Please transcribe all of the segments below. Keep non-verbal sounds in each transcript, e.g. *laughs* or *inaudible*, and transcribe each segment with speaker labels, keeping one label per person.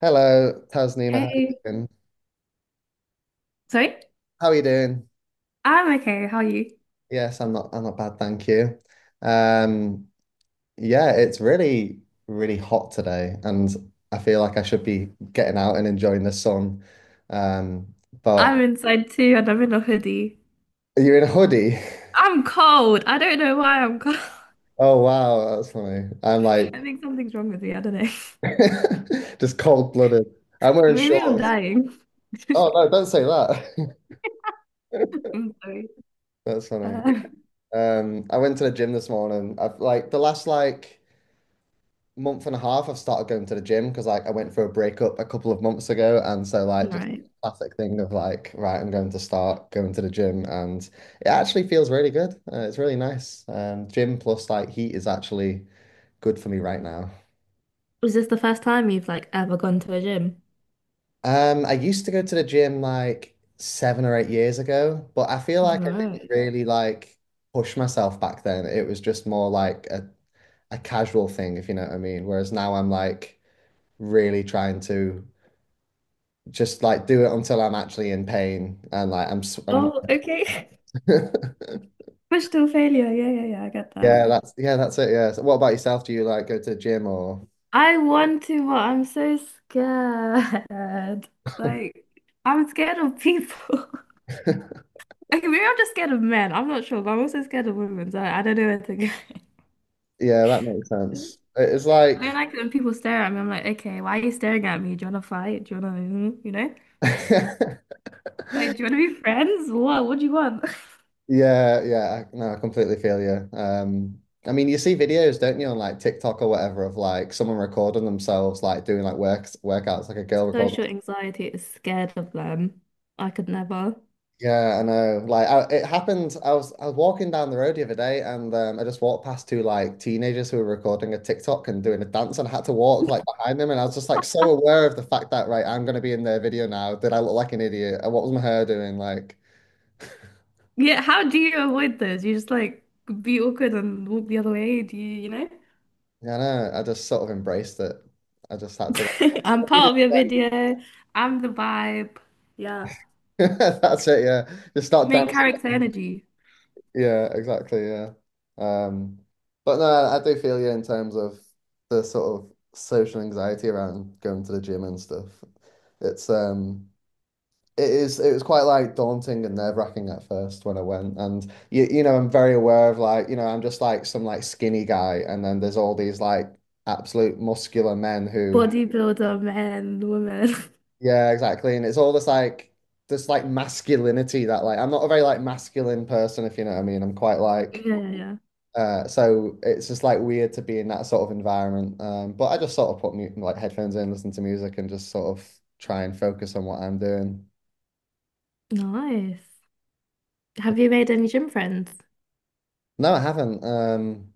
Speaker 1: Hello, Tasneema. How are you
Speaker 2: Hey,
Speaker 1: doing?
Speaker 2: sorry?
Speaker 1: How are you doing?
Speaker 2: I'm okay. How are you?
Speaker 1: Yes, I'm not. I'm not bad, thank you. Um, yeah, it's really, really hot today, and I feel like I should be getting out and enjoying the sun. Um, but
Speaker 2: I'm inside too, and I'm in a hoodie.
Speaker 1: you're in a hoodie. *laughs*
Speaker 2: I'm cold. I don't know why I'm cold. *laughs*
Speaker 1: Oh wow, that's funny. I'm like
Speaker 2: I think something's wrong with me. I don't know. *laughs*
Speaker 1: *laughs* just cold-blooded. I'm wearing
Speaker 2: Maybe I'm
Speaker 1: shorts.
Speaker 2: dying.
Speaker 1: Oh
Speaker 2: *laughs*
Speaker 1: no, don't say that.
Speaker 2: I'm sorry.
Speaker 1: *laughs* That's funny.
Speaker 2: Uh,
Speaker 1: I went to the gym this morning. I've like the last like. Month and a half, I've started going to the gym because I went through a breakup a couple of months ago, and so like just
Speaker 2: right.
Speaker 1: classic thing of like, right, I'm going to start going to the gym, and it actually feels really good. It's really nice. Gym plus like heat is actually good for me right now.
Speaker 2: Was this the first time you've like ever gone to a gym?
Speaker 1: I used to go to the gym like 7 or 8 years ago, but I feel like I didn't
Speaker 2: Right.
Speaker 1: really like push myself back then. It was just more like a casual thing, if you know what I mean. Whereas now I'm like really trying to just like do it until I'm actually in pain and I'm
Speaker 2: Oh, okay.
Speaker 1: *laughs* yeah
Speaker 2: *laughs* Push-to failure. Yeah, yeah, yeah. I get that.
Speaker 1: that's it, yeah. So what about yourself, do you like go to the gym or
Speaker 2: I want to, but I'm so scared. *laughs* Like, I'm scared of people. *laughs*
Speaker 1: *laughs* yeah,
Speaker 2: Okay, maybe I'm just scared of men. I'm not sure, but I'm also scared of women, so I don't know where to go. *laughs*
Speaker 1: that makes sense. It's
Speaker 2: I mean,
Speaker 1: like
Speaker 2: like when people stare at me, I'm like, okay, why are you staring at me? Do you want to fight? Do you want to, you know?
Speaker 1: *laughs*
Speaker 2: Like, do you want to be friends? What? What do you want?
Speaker 1: yeah, yeah, no I completely feel you. I mean you see videos, don't you, on like TikTok or whatever, of like someone recording themselves like doing like works workouts, like a girl
Speaker 2: *laughs*
Speaker 1: recording.
Speaker 2: Social anxiety is scared of them. I could never.
Speaker 1: Yeah, I know. Like, it happened. I was walking down the road the other day, and I just walked past two like teenagers who were recording a TikTok and doing a dance, and I had to walk like behind them, and I was just like so aware of the fact that right, I'm gonna be in their video now. Did I look like an idiot? And What was my hair doing? Like,
Speaker 2: Yeah, how do you avoid those? You just like be awkward and walk the other way? Do you, you know?
Speaker 1: yeah, I know. I just sort of embraced it. I just had to
Speaker 2: *laughs* I'm
Speaker 1: *laughs* to,
Speaker 2: part of your
Speaker 1: like-
Speaker 2: video. I'm the vibe. Yeah.
Speaker 1: that's it. Yeah, just start
Speaker 2: Main
Speaker 1: dancing.
Speaker 2: character energy.
Speaker 1: Yeah, exactly. Yeah. Um, but no, I do feel you in terms of the sort of social anxiety around going to the gym and stuff. It's um it is it was quite like daunting and nerve-wracking at first when I went, and you know, I'm very aware of like, you know, I'm just like some like skinny guy, and then there's all these like absolute muscular men who
Speaker 2: Bodybuilder, men, women. *laughs*
Speaker 1: yeah, exactly. And it's all this like masculinity that like I'm not a very like masculine person, if you know what I mean. I'm quite
Speaker 2: Yeah,
Speaker 1: like
Speaker 2: yeah, yeah.
Speaker 1: So it's just like weird to be in that sort of environment. But I just sort of put mu like headphones in, listen to music, and just sort of try and focus on what I'm doing.
Speaker 2: Nice. Have you made any gym friends?
Speaker 1: No, I haven't.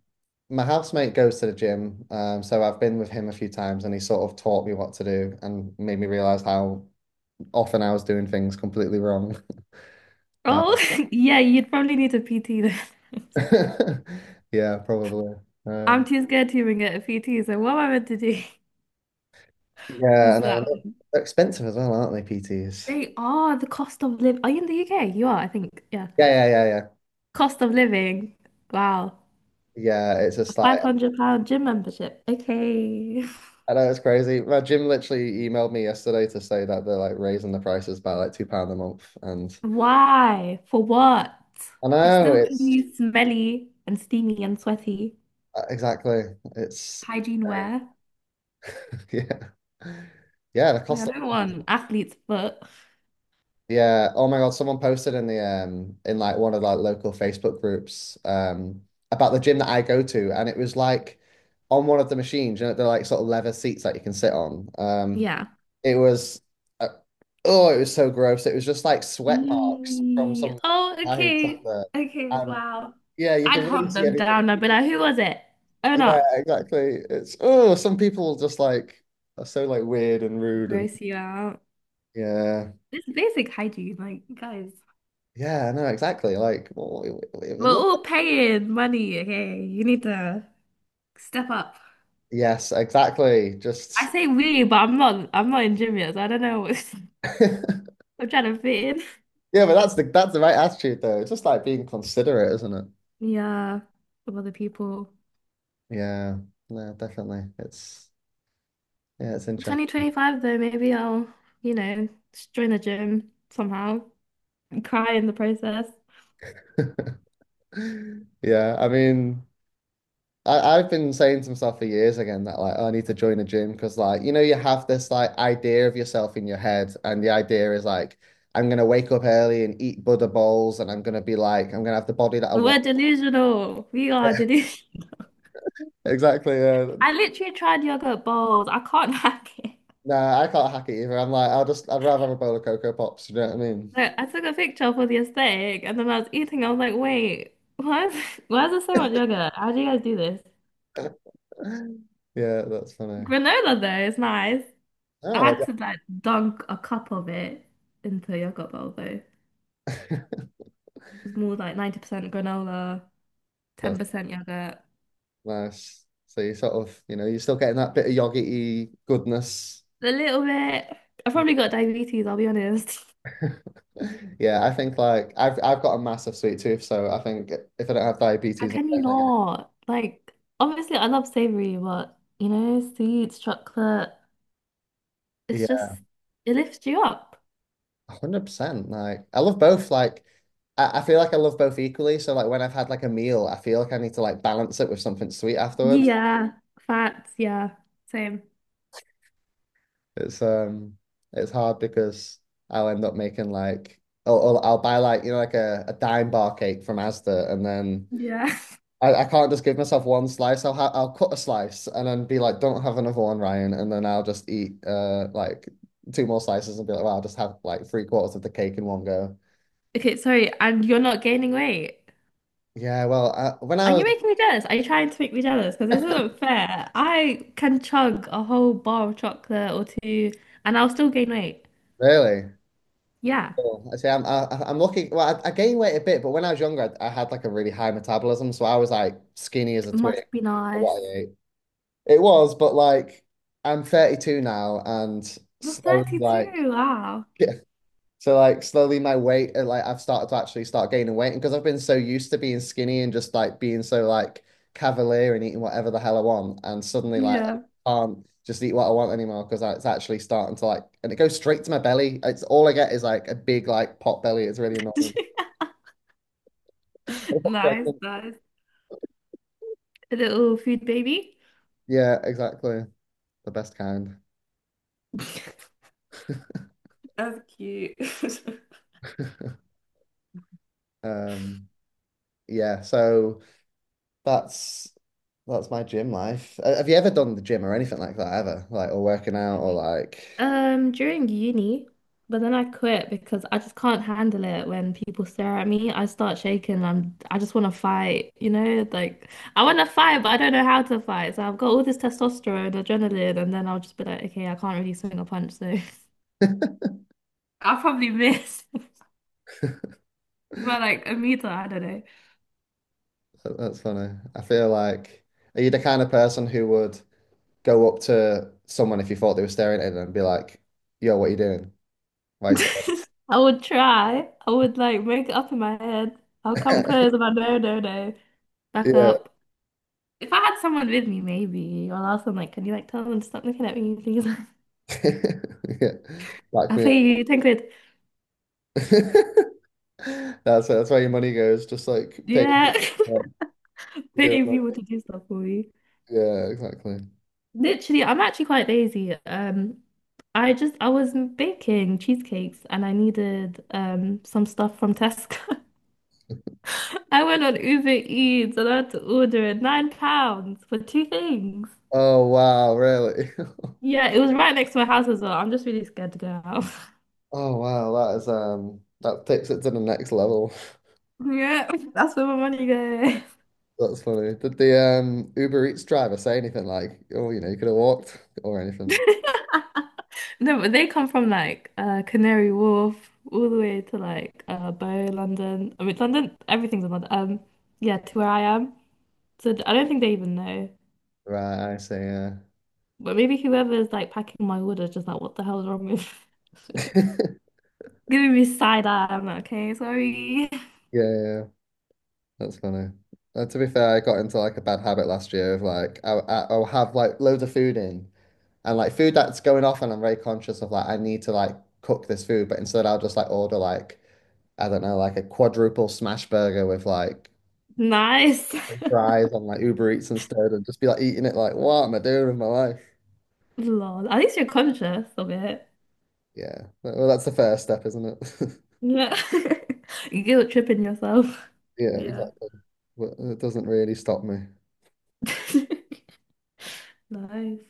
Speaker 1: My housemate goes to the gym, so I've been with him a few times, and he sort of taught me what to do and made me realize how often I was doing things completely wrong. *laughs* Uh,
Speaker 2: Oh, *laughs* yeah, you'd probably need a PT then.
Speaker 1: *laughs* yeah, probably.
Speaker 2: *laughs* I'm
Speaker 1: Um,
Speaker 2: too scared to even get a PT, so what am I meant to do? *laughs*
Speaker 1: yeah, and
Speaker 2: So
Speaker 1: I know they're expensive as well, aren't they, PTs?
Speaker 2: they are the cost of living. Are you in the UK? You are, I think. Yeah.
Speaker 1: Yeah, yeah, yeah, yeah.
Speaker 2: Cost of living. Wow.
Speaker 1: Yeah, it's
Speaker 2: A
Speaker 1: just like
Speaker 2: £500 gym membership. Okay.
Speaker 1: I know, it's crazy. My gym literally emailed me yesterday to say that they're like raising the prices by like £2 a month, and
Speaker 2: *laughs* Why? For what?
Speaker 1: I
Speaker 2: It's
Speaker 1: know
Speaker 2: still gonna
Speaker 1: it's
Speaker 2: be smelly and steamy and sweaty.
Speaker 1: exactly, it's
Speaker 2: Hygiene wear.
Speaker 1: *laughs* yeah, yeah, the
Speaker 2: Like, I
Speaker 1: cost
Speaker 2: don't
Speaker 1: of
Speaker 2: want athlete's foot.
Speaker 1: yeah. Oh my God, someone posted in the in like one of like local Facebook groups about the gym that I go to, and it was like on one of the machines, you know, they're like sort of leather seats that you can sit on.
Speaker 2: Yeah.
Speaker 1: It was, uh, oh, it was so gross. It was just like sweat marks from
Speaker 2: Eee.
Speaker 1: some
Speaker 2: Oh,
Speaker 1: guy who sat
Speaker 2: okay.
Speaker 1: there.
Speaker 2: Okay,
Speaker 1: And
Speaker 2: wow.
Speaker 1: yeah, you
Speaker 2: I'd
Speaker 1: can really
Speaker 2: hunt
Speaker 1: see
Speaker 2: them
Speaker 1: anything.
Speaker 2: down. I'd be like, who was it? Own
Speaker 1: Yeah,
Speaker 2: up.
Speaker 1: exactly. It's, oh, some people just like are so like weird and rude, and
Speaker 2: Gross you out.
Speaker 1: yeah.
Speaker 2: It's basic hygiene. Like, guys,
Speaker 1: Yeah, no, exactly. Like, it it
Speaker 2: we're
Speaker 1: looked,
Speaker 2: all
Speaker 1: like,
Speaker 2: paying money. Okay, you need to step up.
Speaker 1: yes, exactly.
Speaker 2: I
Speaker 1: Just,
Speaker 2: say we, but I'm not. I'm not in gym yet, so I don't know. *laughs*
Speaker 1: *laughs* yeah,
Speaker 2: I'm trying to fit in.
Speaker 1: but that's the right attitude though. It's just like being considerate, isn't it?
Speaker 2: Yeah, with other people.
Speaker 1: Yeah, no, definitely. It's yeah, it's interesting.
Speaker 2: 2025 though, maybe I'll, you know, just join the gym somehow and cry in the process.
Speaker 1: *laughs* Yeah, I mean, I've been saying to myself for years again that like, oh, I need to join a gym, because like, you know, you have this like idea of yourself in your head, and the idea is like I'm gonna wake up early and eat Buddha bowls, and I'm gonna be like I'm gonna have the body that I want.
Speaker 2: We're delusional. We are delusional.
Speaker 1: Exactly. Yeah.
Speaker 2: *laughs* I literally tried yogurt bowls. I can't *laughs* hack it.
Speaker 1: Nah, I can't hack it either. I'm like I'll just I'd rather have a bowl of Cocoa Pops. You know what I mean?
Speaker 2: Like, I took a picture for the aesthetic and then I was eating. I was like, wait, why is, *laughs* why is there so much yogurt? How do you guys do this?
Speaker 1: *laughs* Yeah, that's funny.
Speaker 2: Granola, though, is nice. I
Speaker 1: Oh, well,
Speaker 2: had to like dunk a cup of it into a yogurt bowl, though. It
Speaker 1: yeah.
Speaker 2: was more like 90% granola,
Speaker 1: *laughs* that's
Speaker 2: 10% yogurt.
Speaker 1: nice. So you sort of, you know, you're still getting that bit of yogi good goodness.
Speaker 2: A little bit. I probably got diabetes, I'll be honest. *laughs*
Speaker 1: *laughs* Yeah, I think like I've got a massive sweet tooth, so I think if I don't have
Speaker 2: How
Speaker 1: diabetes, I'm
Speaker 2: can you
Speaker 1: definitely gonna
Speaker 2: not? Like, obviously, I love savory, but sweets, chocolate, it's
Speaker 1: yeah,
Speaker 2: just, it lifts you up.
Speaker 1: 100%. Like I love both. Like I feel like I love both equally. So like when I've had like a meal, I feel like I need to like balance it with something sweet afterwards.
Speaker 2: Yeah, fats, yeah, same.
Speaker 1: It's um it's hard because I'll end up making like, oh, I'll buy like, you know, like a dime bar cake from Asda, and then
Speaker 2: Yeah. *laughs*
Speaker 1: I can't just give myself one slice. I'll cut a slice and then be like, don't have another one, Ryan. And then I'll just eat like two more slices and be like, well, I'll just have like three-quarters of the cake in one go.
Speaker 2: Okay, sorry, and you're not gaining weight.
Speaker 1: Yeah, when I
Speaker 2: Are you
Speaker 1: was
Speaker 2: making me jealous? Are you trying to make me jealous? Because this isn't fair. I can chug a whole bar of chocolate or two and I'll still gain weight.
Speaker 1: really,
Speaker 2: Yeah,
Speaker 1: oh, I say I'm lucky. Well, I gained weight a bit, but when I was younger, I had like a really high metabolism, so I was like skinny as a twig.
Speaker 2: must be
Speaker 1: For
Speaker 2: nice.
Speaker 1: What I ate, it was, but like I'm 32 now, and
Speaker 2: You're
Speaker 1: slowly like.
Speaker 2: 32. Wow.
Speaker 1: *laughs* So like slowly my weight, like I've started to actually start gaining weight, and because I've been so used to being skinny and just like being so like cavalier and eating whatever the hell I want, and suddenly like
Speaker 2: Yeah.
Speaker 1: I can't just eat what I want anymore, because it's actually starting to like, and it goes straight to my belly. It's all I get is like a big like pot belly. It's really annoying.
Speaker 2: *laughs*
Speaker 1: *laughs* I got
Speaker 2: Nice,
Speaker 1: pregnant.
Speaker 2: nice. A little food baby.
Speaker 1: Yeah, exactly. The best kind.
Speaker 2: *laughs* That's cute. *laughs*
Speaker 1: Um, yeah. So that's that's my gym life. Have you ever done the gym or anything like that ever? Like, or working out or like.
Speaker 2: During uni, but then I quit because I just can't handle it when people stare at me. I start shaking. I just want to fight, you know? Like I want to fight, but I don't know how to fight. So I've got all this testosterone, adrenaline, and then I'll just be like, okay, I can't really swing a punch, so *laughs* I'll probably miss *laughs* by like a meter. I don't
Speaker 1: That's funny. I feel like are you the kind of person who would go up to someone if you thought they were staring at them and be like, "Yo, what are you doing? Why are
Speaker 2: know.
Speaker 1: you
Speaker 2: *laughs* I would try. I would like make it up in my head. I'll come
Speaker 1: staring?"
Speaker 2: close,
Speaker 1: *laughs*
Speaker 2: but no, no, no. Back
Speaker 1: Yeah,
Speaker 2: up. If I had someone with me, maybe I'll ask them like, can you like tell them to stop looking at me please? *laughs*
Speaker 1: *laughs* yeah, back
Speaker 2: I'll
Speaker 1: me up.
Speaker 2: pay you 10 quid.
Speaker 1: *laughs* That's where your money goes. Just like paying
Speaker 2: Yeah.
Speaker 1: people
Speaker 2: *laughs*
Speaker 1: to go,
Speaker 2: Paying
Speaker 1: like-
Speaker 2: people to do stuff for you.
Speaker 1: Yeah, exactly.
Speaker 2: Literally, I'm actually quite lazy. I was baking cheesecakes and I needed some stuff from Tesco. *laughs* I went on Uber Eats and I had to order it £9 for two things.
Speaker 1: Oh wow, really? *laughs*
Speaker 2: Yeah, it was right next to my house as well. I'm just really scared to go out. *laughs*
Speaker 1: Oh wow, that is that takes it to the next level. *laughs*
Speaker 2: Yeah, that's where my money
Speaker 1: That's funny. Did the Uber Eats driver say anything like, "Oh, you know, you could have walked" or
Speaker 2: goes.
Speaker 1: anything?
Speaker 2: *laughs* No, but they come from like Canary Wharf all the way to like Bow, London. I mean London, everything's in London. Yeah, to where I am. So I don't think they even know.
Speaker 1: Right, I see. Yeah.
Speaker 2: But maybe whoever's like packing my order is just like, what the hell's wrong with *laughs*
Speaker 1: *laughs*
Speaker 2: giving me side eye. I'm like, okay, sorry. *laughs*
Speaker 1: Yeah, yeah, that's funny. To be fair, I got into like a bad habit last year of like I'll have like loads of food in, and like food that's going off, and I'm very conscious of like I need to like cook this food, but instead I'll just like order like I don't know, like a quadruple smash burger with like
Speaker 2: Nice.
Speaker 1: fries on like Uber Eats instead, and just be like eating it like what am I doing with my life?
Speaker 2: *laughs* Lol. At least you're conscious of it.
Speaker 1: Yeah, well, that's the first step, isn't it? *laughs*
Speaker 2: Yeah. *laughs* You guilt tripping yourself.
Speaker 1: Yeah,
Speaker 2: Yeah.
Speaker 1: exactly. But it doesn't really stop me.
Speaker 2: *laughs* Nice.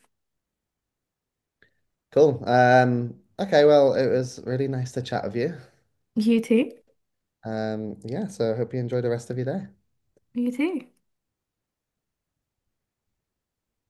Speaker 1: Cool. Okay, well, it was really nice to chat with you.
Speaker 2: You too.
Speaker 1: Yeah, so I hope you enjoy the rest of your day.
Speaker 2: You too.